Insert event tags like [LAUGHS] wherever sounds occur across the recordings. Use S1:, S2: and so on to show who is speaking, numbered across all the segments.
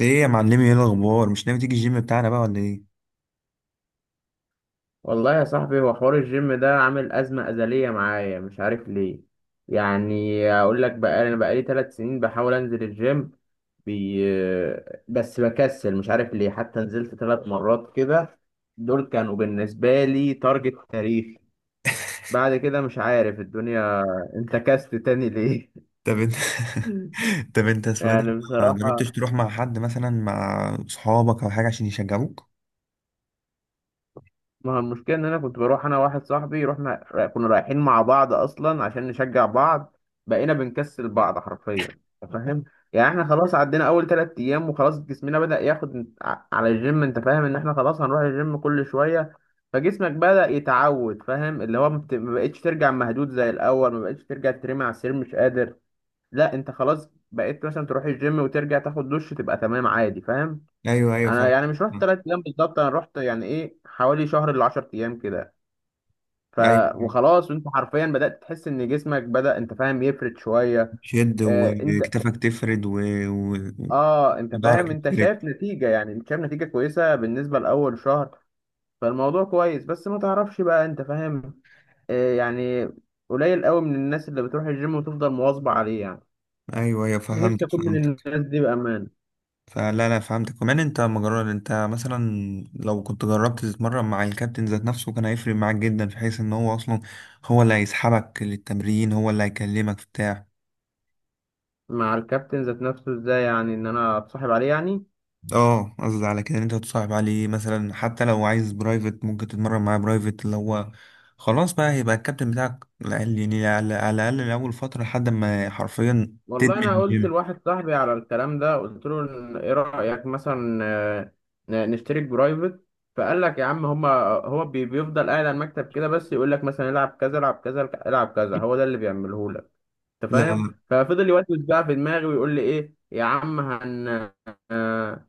S1: ايه يا معلمي، ايه الاخبار؟ مش ناوي تيجي الجيم بتاعنا بقى ولا ايه؟
S2: والله يا صاحبي هو حوار الجيم ده عامل أزمة أزلية معايا، مش عارف ليه. يعني أقول لك بقى، أنا بقالي 3 سنين بحاول أنزل الجيم بي... بس بكسل مش عارف ليه. حتى نزلت 3 مرات كده، دول كانوا بالنسبة لي تارجت تاريخي. بعد كده مش عارف الدنيا انتكست تاني ليه.
S1: طب انت.
S2: [LAUGHS]
S1: [LAUGHS] طب انت اسمه ايه ده؟
S2: يعني
S1: ما جربتش
S2: بصراحة،
S1: تروح مع حد مثلا، مع صحابك او حاجه عشان يشجعوك؟
S2: ما هو المشكلة إن أنا كنت بروح أنا واحد صاحبي، كنا رايحين مع بعض أصلا عشان نشجع بعض. بقينا بنكسل بعض حرفيا، أنت فاهم؟ يعني إحنا خلاص عدينا أول 3 أيام، وخلاص جسمنا بدأ ياخد على الجيم. أنت فاهم إن إحنا خلاص هنروح الجيم كل شوية؟ فجسمك بدأ يتعود، فاهم؟ اللي هو ما بقتش ترجع مهدود زي الأول، ما بقتش ترجع ترمي على السرير مش قادر. لا أنت خلاص بقيت مثلا تروح الجيم وترجع تاخد دش تبقى تمام عادي، فاهم؟
S1: ايوه ايوه،
S2: انا
S1: فاهم.
S2: يعني مش رحت 3 ايام بالظبط، انا رحت يعني ايه حوالي شهر ل 10 ايام كده. ف
S1: ايوه،
S2: وخلاص انت حرفيا بدات تحس ان جسمك بدا، انت فاهم، يفرد شويه.
S1: شد
S2: آه انت.
S1: وكتفك تفرد و...
S2: اه انت
S1: وضهرك
S2: فاهم؟ انت
S1: يتفرد.
S2: شايف نتيجه، يعني انت شايف نتيجه كويسه بالنسبه لاول شهر. فالموضوع كويس، بس ما تعرفش بقى، انت فاهم. يعني قليل قوي من الناس اللي بتروح الجيم وتفضل مواظبه عليه يعني.
S1: ايوه ايوه،
S2: نفسي
S1: فهمتك
S2: اكون من
S1: فهمتك.
S2: الناس دي بامان.
S1: فلا لا، فهمتك. كمان انت ما جربت انت مثلا، لو كنت جربت تتمرن مع الكابتن ذات نفسه، كان هيفرق معاك جدا، في حيث ان هو اصلا هو اللي هيسحبك للتمرين، هو اللي هيكلمك بتاع.
S2: مع الكابتن ذات نفسه؟ ازاي يعني، ان انا اتصاحب عليه يعني؟
S1: اه، قصدي على كده ان انت تصاحب عليه مثلا، حتى لو عايز برايفت، ممكن تتمرن معاه برايفت، اللي هو خلاص بقى هيبقى الكابتن بتاعك على الأقل- يعني على الاقل لاول فتره لحد ما حرفيا
S2: والله
S1: تدمن
S2: انا قلت
S1: الجيم.
S2: لواحد صاحبي على الكلام ده، قلت له ايه رايك مثلا، نشترك برايفت؟ فقال لك يا عم، هما هو بيفضل قاعد على المكتب كده بس يقول لك مثلا العب كذا، العب كذا، العب كذا، هو ده اللي بيعمله لك. انت فاهم؟
S1: لا
S2: ففضل يوسوس بقى في دماغي ويقول لي ايه يا عم، آه،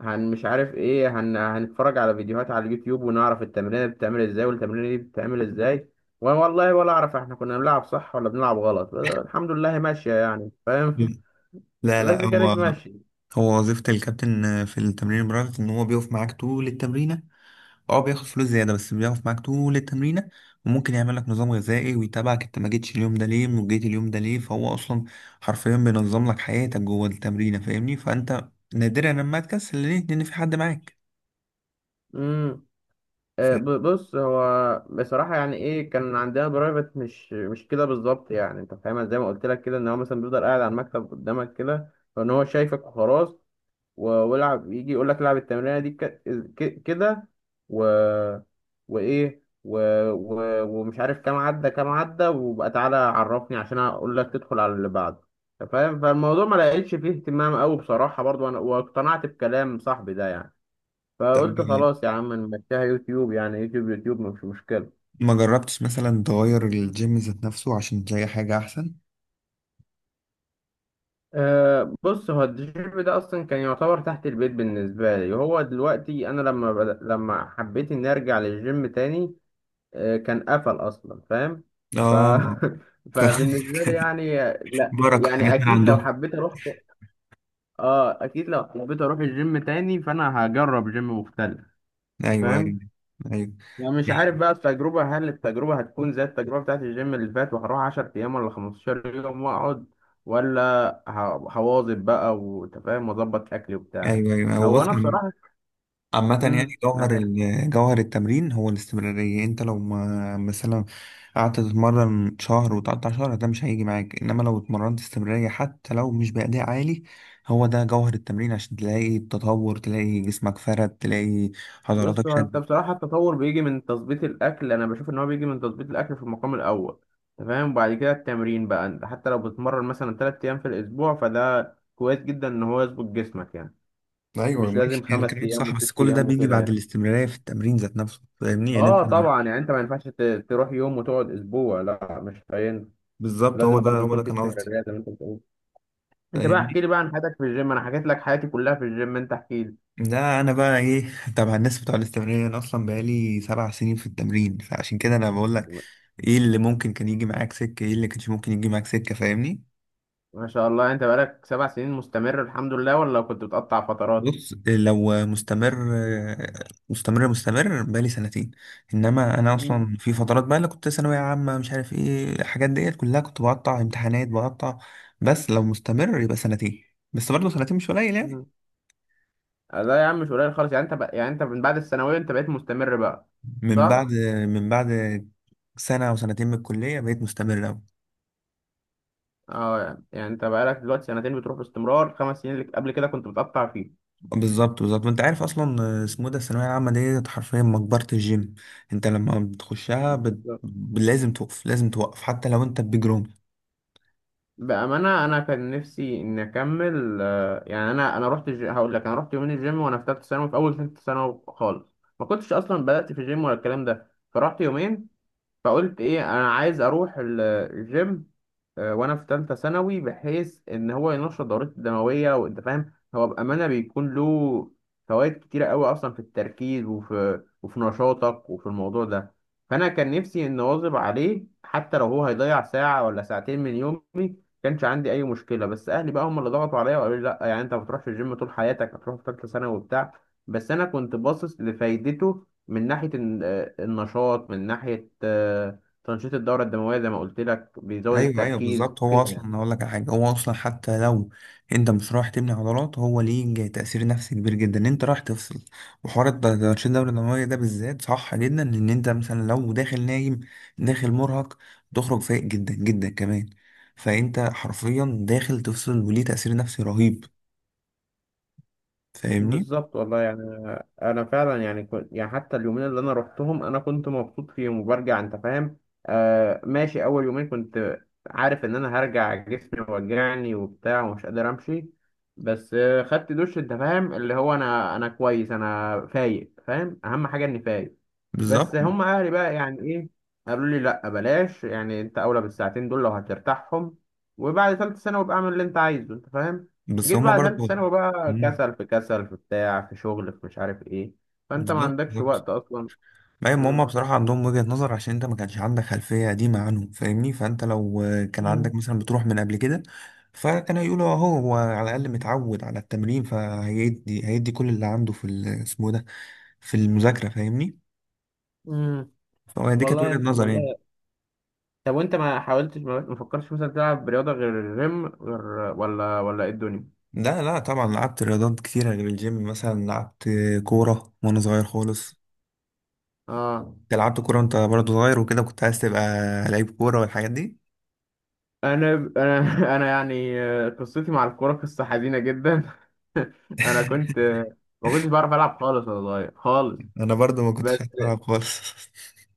S2: مش عارف ايه، هنتفرج على فيديوهات على اليوتيوب ونعرف التمرين دي بتتعمل ازاي، والتمرين دي بتتعمل ازاي. وانا والله ولا اعرف احنا كنا بنلعب صح ولا بنلعب غلط. الحمد لله ماشيه يعني،
S1: لا
S2: فاهم.
S1: لا
S2: لا
S1: لا،
S2: سيجاريت
S1: هو
S2: ماشي.
S1: هو وظيفه الكابتن في التمرين البرايفت ان هو بيقف معاك طول التمرينه. اه بياخد فلوس زيادة بس بيقف معاك طول التمرينة، وممكن يعمل لك نظام غذائي ويتابعك انت ما جيتش اليوم ده ليه وجيت اليوم ده ليه. فهو اصلا حرفيا بينظم لك حياتك جوه التمرينة، فاهمني؟ فانت نادرا لما تكسل، ليه؟ لان في حد معاك.
S2: امم
S1: فانت
S2: بص هو بصراحة يعني ايه، كان عندنا برايفت، مش كده بالظبط. يعني انت فاهمها زي ما قلت لك كده، ان هو مثلا بيفضل قاعد على المكتب قدامك كده، فان هو شايفك وخلاص. والعب، يجي يقول لك العب التمرينة دي كده. و وايه ومش عارف كام عدى كام عدى، وبقى تعالى عرفني عشان اقول لك تدخل على اللي بعده. أنت فاهم؟ فالموضوع ما لقيتش فيه اهتمام قوي بصراحة، برضو انا واقتنعت بكلام صاحبي ده يعني. فقلت خلاص يا عم نمشيها يوتيوب، يعني يوتيوب يوتيوب مش مشكلة.
S1: ما جربتش مثلا تغير الجيم ذات نفسه عشان تلاقي حاجة احسن؟
S2: أه بص هو الجيم ده أصلا كان يعتبر تحت البيت بالنسبة لي، وهو دلوقتي أنا لما حبيت إني أرجع للجيم تاني، أه كان قفل أصلا، فاهم. ف...
S1: اه،
S2: [LAUGHS]
S1: فاهمك.
S2: فبالنسبة لي
S1: [LAUGHS]
S2: يعني. لا
S1: بركة
S2: يعني
S1: حاجات من عندهم.
S2: أكيد لو حبيت أروح الجيم تاني فأنا هجرب جيم مختلف،
S1: ايوه ايوه.
S2: فاهم.
S1: ايوه
S2: يعني مش عارف بقى، هل التجربة هتكون زي التجربة بتاعت الجيم اللي فات، وهروح 10 أيام ولا 15 يوم وأقعد، ولا ه- هواظب بقى وأنت فاهم وأظبط أكلي وبتاع.
S1: ايوه. ايوه، هو
S2: هو
S1: بص،
S2: أنا بصراحة.
S1: عامة يعني
S2: امم
S1: جوهر جوهر التمرين هو الاستمرارية. انت لو ما مثلا قعدت تتمرن شهر وتقطع شهر، ده مش هيجي معاك. انما لو اتمرنت استمرارية حتى لو مش بأداء عالي، هو ده جوهر التمرين، عشان تلاقي التطور، تلاقي جسمك فرد، تلاقي
S2: بص
S1: عضلاتك
S2: هو، أنت
S1: شدت.
S2: بصراحة التطور بيجي من تظبيط الأكل. أنا بشوف إن هو بيجي من تظبيط الأكل في المقام الأول. أنت فاهم، وبعد كده التمرين بقى، أنت حتى لو بتتمرن مثلا 3 أيام في الأسبوع، فده كويس جدا إن هو يظبط جسمك يعني.
S1: ايوه
S2: مش
S1: ماشي،
S2: لازم
S1: يعني
S2: خمس
S1: كلامك
S2: أيام
S1: صح، بس
S2: وست
S1: كل ده
S2: أيام
S1: بيجي
S2: وكده
S1: بعد
S2: يعني.
S1: الاستمرارية في التمرين ذات نفسه، فاهمني؟ يعني انت
S2: اه طبعا يعني انت ما ينفعش تروح يوم وتقعد اسبوع، لا مش هينفع.
S1: بالظبط، هو
S2: لازم
S1: ده
S2: برضو
S1: هو ده
S2: يكون في
S1: كان قصدي.
S2: استمرارية زي ما انت بتقول. انت بقى احكي
S1: فاهمني؟
S2: لي بقى عن حياتك في الجيم، انا حكيت لك حياتي كلها في الجيم، انت احكي لي.
S1: لا انا بقى ايه، تبع الناس بتوع الاستمرارية. انا اصلا بقالي سبع سنين في التمرين، فعشان كده انا بقول لك ايه اللي ممكن كان يجي معاك سكة، ايه اللي كانش ممكن يجي معاك سكة، فاهمني؟
S2: ما شاء الله، انت بقالك 7 سنين مستمر الحمد لله، ولا كنت بتقطع فترات؟
S1: بص لو مستمر مستمر، مستمر بقالي سنتين. انما انا
S2: مم.
S1: اصلا في فترات بقى، اللي كنت ثانوية عامة مش عارف ايه، الحاجات ديت كلها كنت بقطع، امتحانات بقطع. بس لو مستمر يبقى سنتين. بس برضه سنتين مش قليل يعني.
S2: مم. لا يا عم مش قليل خالص يعني. انت بقى يعني، انت من بعد الثانوية انت بقيت مستمر بقى،
S1: من
S2: صح؟
S1: بعد من بعد سنة او سنتين من الكلية بقيت مستمر أوي.
S2: اه يعني يعني انت بقالك دلوقتي سنتين بتروح باستمرار، 5 سنين اللي قبل كده كنت بتقطع
S1: بالظبط بالظبط. وانت عارف اصلا اسمه إيه ده، الثانويه العامه دي حرفيا مقبره الجيم. انت لما بتخشها بت...
S2: فيه.
S1: لازم توقف، لازم توقف، حتى لو انت بجروم.
S2: بأمانة أنا كان نفسي إني أكمل، يعني هقول لك أنا رحت يومين الجيم وأنا في تالتة ثانوي، في أول تالتة ثانوي خالص، ما كنتش أصلا بدأت في الجيم ولا الكلام ده. فرحت يومين فقلت إيه، أنا عايز أروح الجيم، وانا في ثالثه ثانوي، بحيث ان هو ينشط دورته الدمويه، وانت فاهم. هو بامانه بيكون له فوائد كتيره قوي اصلا في التركيز وفي نشاطك وفي الموضوع ده. فانا كان نفسي ان اواظب عليه حتى لو هو هيضيع ساعه ولا ساعتين من يومي، كانش عندي اي مشكله. بس اهلي بقى هم اللي ضغطوا عليا وقالوا لي لا، يعني انت ما بتروحش الجيم طول حياتك هتروح في ثالثه ثانوي وبتاع. بس انا كنت باصص لفايدته من ناحيه النشاط، من ناحيه تنشيط الدورة الدموية، زي ما قلت لك بيزود
S1: ايوه ايوه بالظبط.
S2: التركيز
S1: هو
S2: كده يعني.
S1: اصلا هقول لك على حاجه، هو اصلا حتى لو انت مش رايح تبني عضلات، هو ليه تاثير نفسي كبير جدا. انت رايح تفصل. وحوار التنشيط الدوري الدمويه ده بالذات صح جدا، ان انت مثلا لو داخل نايم، داخل مرهق، تخرج فايق جدا جدا كمان. فانت حرفيا داخل تفصل وليه تاثير نفسي رهيب، فاهمني؟
S2: بالظبط والله يعني، انا فعلا يعني كنت يعني، حتى اليومين اللي انا روحتهم انا كنت مبسوط فيهم وبرجع، انت فاهم. آه ماشي، اول يومين كنت عارف ان انا هرجع جسمي وجعني وبتاع ومش قادر امشي، بس خدت دش، انت فاهم، اللي هو انا كويس، انا فايق، فاهم. اهم حاجه اني فايق. بس
S1: بالظبط.
S2: هم اهلي بقى يعني ايه، قالوا لي لا بلاش. يعني انت اولى بالساعتين دول لو هترتاحهم، وبعد ثالث سنه وابقى اعمل اللي انت عايزه، انت فاهم.
S1: بس
S2: جيت
S1: هما
S2: بعد ثالثة
S1: برضو.
S2: ثانوي بقى،
S1: مم.
S2: كسل في كسل في بتاع في شغل في مش عارف ايه، فانت ما
S1: بالظبط
S2: عندكش
S1: بالظبط.
S2: وقت اصلا.
S1: ايوه، ما هما
S2: مم.
S1: بصراحة عندهم وجهة نظر، عشان انت ما كانش عندك خلفية قديمة عنه، فاهمني؟ فانت لو كان عندك
S2: مم.
S1: مثلا بتروح من قبل كده، فكان هيقولوا اهو، هو على الاقل متعود على التمرين، فهيدي هيدي كل اللي عنده في اسمه ده، في المذاكرة، فاهمني؟
S2: مم.
S1: فهو دي كانت وجهة
S2: والله
S1: نظري يعني.
S2: والله. طب وانت ما حاولتش، ما فكرتش مثلا تلعب رياضة غير الجيم، غير ولا ايه الدنيا؟
S1: لا لا طبعا، لعبت رياضات كتيرة غير الجيم، مثلا لعبت كورة وانا صغير خالص.
S2: اه
S1: أنت لعبت كورة وانت برضو صغير وكده، كنت عايز تبقى لعيب كورة والحاجات دي؟
S2: انا [LAUGHS] انا يعني، قصتي مع الكورة قصة حزينة جدا. [LAUGHS] انا كنت،
S1: [LAUGHS]
S2: ما كنتش بعرف العب خالص وانا صغير خالص.
S1: انا برضو ما
S2: بس
S1: كنتش هلعب خالص.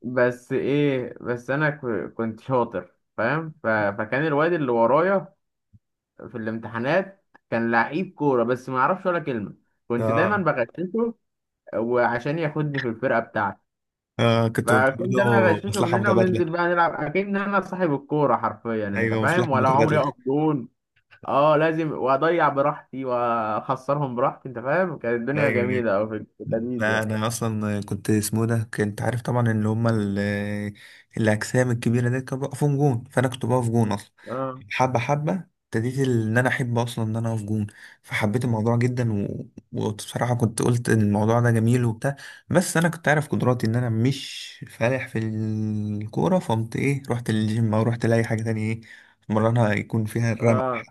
S2: بس انا كنت شاطر، فاهم؟ فكان الواد اللي ورايا في الامتحانات كان لعيب كورة بس ما يعرفش ولا كلمة.
S1: [LAUGHS]
S2: كنت دايما
S1: اه.
S2: بغششه، وعشان ياخدني في الفرقة بتاعتي
S1: اه، كنت برضو.
S2: فكنت انا اغششه من
S1: مصلحة
S2: هنا، وننزل
S1: متبادلة.
S2: بقى نلعب اكن انا صاحب الكورة حرفيا، انت
S1: ايوه، مصلحة
S2: فاهم؟ ولا عمري
S1: متبادلة.
S2: اقف جون. اه لازم، واضيع براحتي واخسرهم براحتي، انت فاهم؟ كانت الدنيا
S1: ايوه.
S2: جميلة او في التمييز
S1: لا
S2: يعني.
S1: انا اصلا كنت اسمه ده، كنت عارف طبعا ان هما الاجسام الكبيره دي كانوا بيقفوا جون، فانا كنت بقف جون اصلا.
S2: اه.
S1: حبه حبه ابتديت ان انا احب اصلا ان انا اقف جون، فحبيت الموضوع جدا. و... وبصراحه كنت قلت إن الموضوع ده جميل وبتاع. بس انا كنت عارف قدراتي ان انا مش فالح في الكوره، فقمت ايه، رحت للجيم او رحت لاي حاجه تانية، ايه، مرنها يكون فيها الرمق.
S2: اه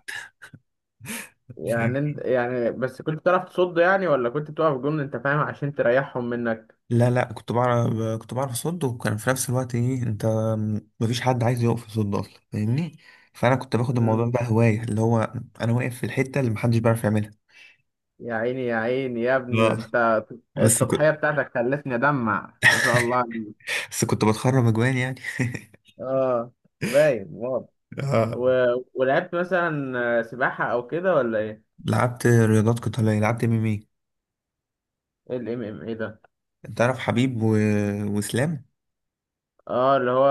S2: يعني انت يعني، بس كنت بتعرف تصد يعني ولا كنت بتقف جون، انت فاهم، عشان تريحهم منك؟
S1: لا لا، كنت بعرف. كنت بعرف اصد، وكان في نفس الوقت ايه، انت مفيش حد عايز يقف يصد اصلا، فاهمني؟ فانا كنت باخد الموضوع بقى هوايه، اللي هو انا واقف في الحته اللي محدش بيعرف يعملها.
S2: يا عيني يا عيني يا ابني، ده
S1: اه.
S2: انت،
S1: بس كنت،
S2: التضحية بتاعتك خلتني ادمع، ما شاء الله عليك.
S1: بس كنت بتخرب اجوان يعني.
S2: اه، باين واضح.
S1: [LAUGHS] اه.
S2: و... ولعبت مثلا، سباحة او كده ولا ايه؟
S1: لعبت رياضات قتاليه، لعبت ام ام اي.
S2: ايه الام ام ايه ده؟
S1: انت عارف حبيب و... واسلام.
S2: اه اللي هو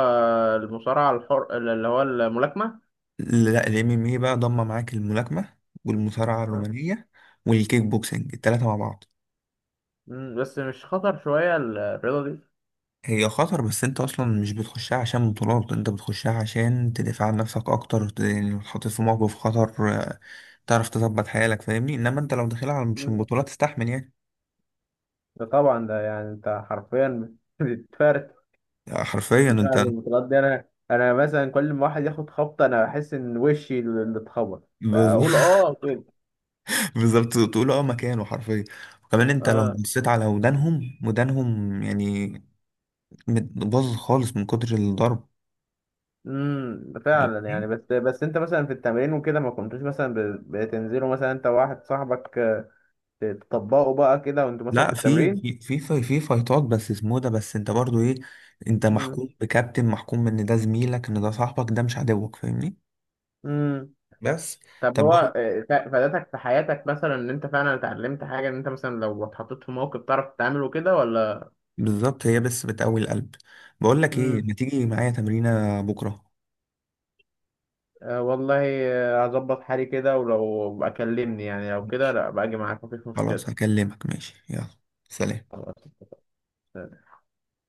S2: المصارعة الحر اللي هو الملاكمة.
S1: لا الام ام اي بقى ضم معاك الملاكمه والمصارعه
S2: آه.
S1: الرومانيه والكيك بوكسنج، التلاته مع بعض.
S2: مم، بس مش خطر شوية الرياضة دي؟
S1: هي خطر، بس انت اصلا مش بتخشها عشان بطولات، انت بتخشها عشان تدافع عن نفسك اكتر، ت- يعني تحط في موقف خطر، تعرف تظبط حيالك، فاهمني؟ انما انت لو داخلها على- مش
S2: مم.
S1: بطولات تستحمل يعني.
S2: ده طبعا ده يعني، انت حرفيا [LAUGHS] بتتفرد.
S1: حرفيا
S2: يعني
S1: انت ب-.
S2: البطولات دي، انا مثلا كل ما واحد ياخد خبطة انا بحس ان وشي اللي اتخبط، بقول
S1: [LAUGHS]
S2: اه كده.
S1: بالظبط، تقول اه مكانه حرفيا. وكمان انت لو
S2: اه.
S1: بصيت على ودانهم، ودانهم يعني مت- باظت خالص من كتر الضرب.
S2: فعلا يعني. بس انت مثلا في التمرين وكده، ما كنتوش مثلا بتنزلوا مثلا انت وواحد صاحبك، تطبقوا بقى كده، وانتوا مثلا في
S1: لا، في
S2: التمرين؟
S1: في في في في فايتات، بس اسمه ده، بس انت برضو ايه، انت
S2: امم.
S1: محكوم بكابتن، محكوم ان ده زميلك ان ده صاحبك، ده مش عدوك، فاهمني؟
S2: امم.
S1: بس.
S2: طب
S1: طب
S2: هو،
S1: بقول،
S2: فادتك في حياتك، مثلا ان انت فعلا اتعلمت حاجه، ان انت مثلا لو اتحطيت في موقف تعرف تتعامل وكده ولا؟
S1: بالظبط، هي بس بتقوي القلب. بقول لك ايه،
S2: امم.
S1: ما تيجي معايا تمرينة بكرة؟
S2: آه والله، هظبط حالي كده، ولو بقى كلمني. يعني لو كده،
S1: ماشي،
S2: لا باجي معاك مفيش
S1: خلاص
S2: مشكله.
S1: هكلمك. ماشي، يلا، سلام.
S2: خلاص.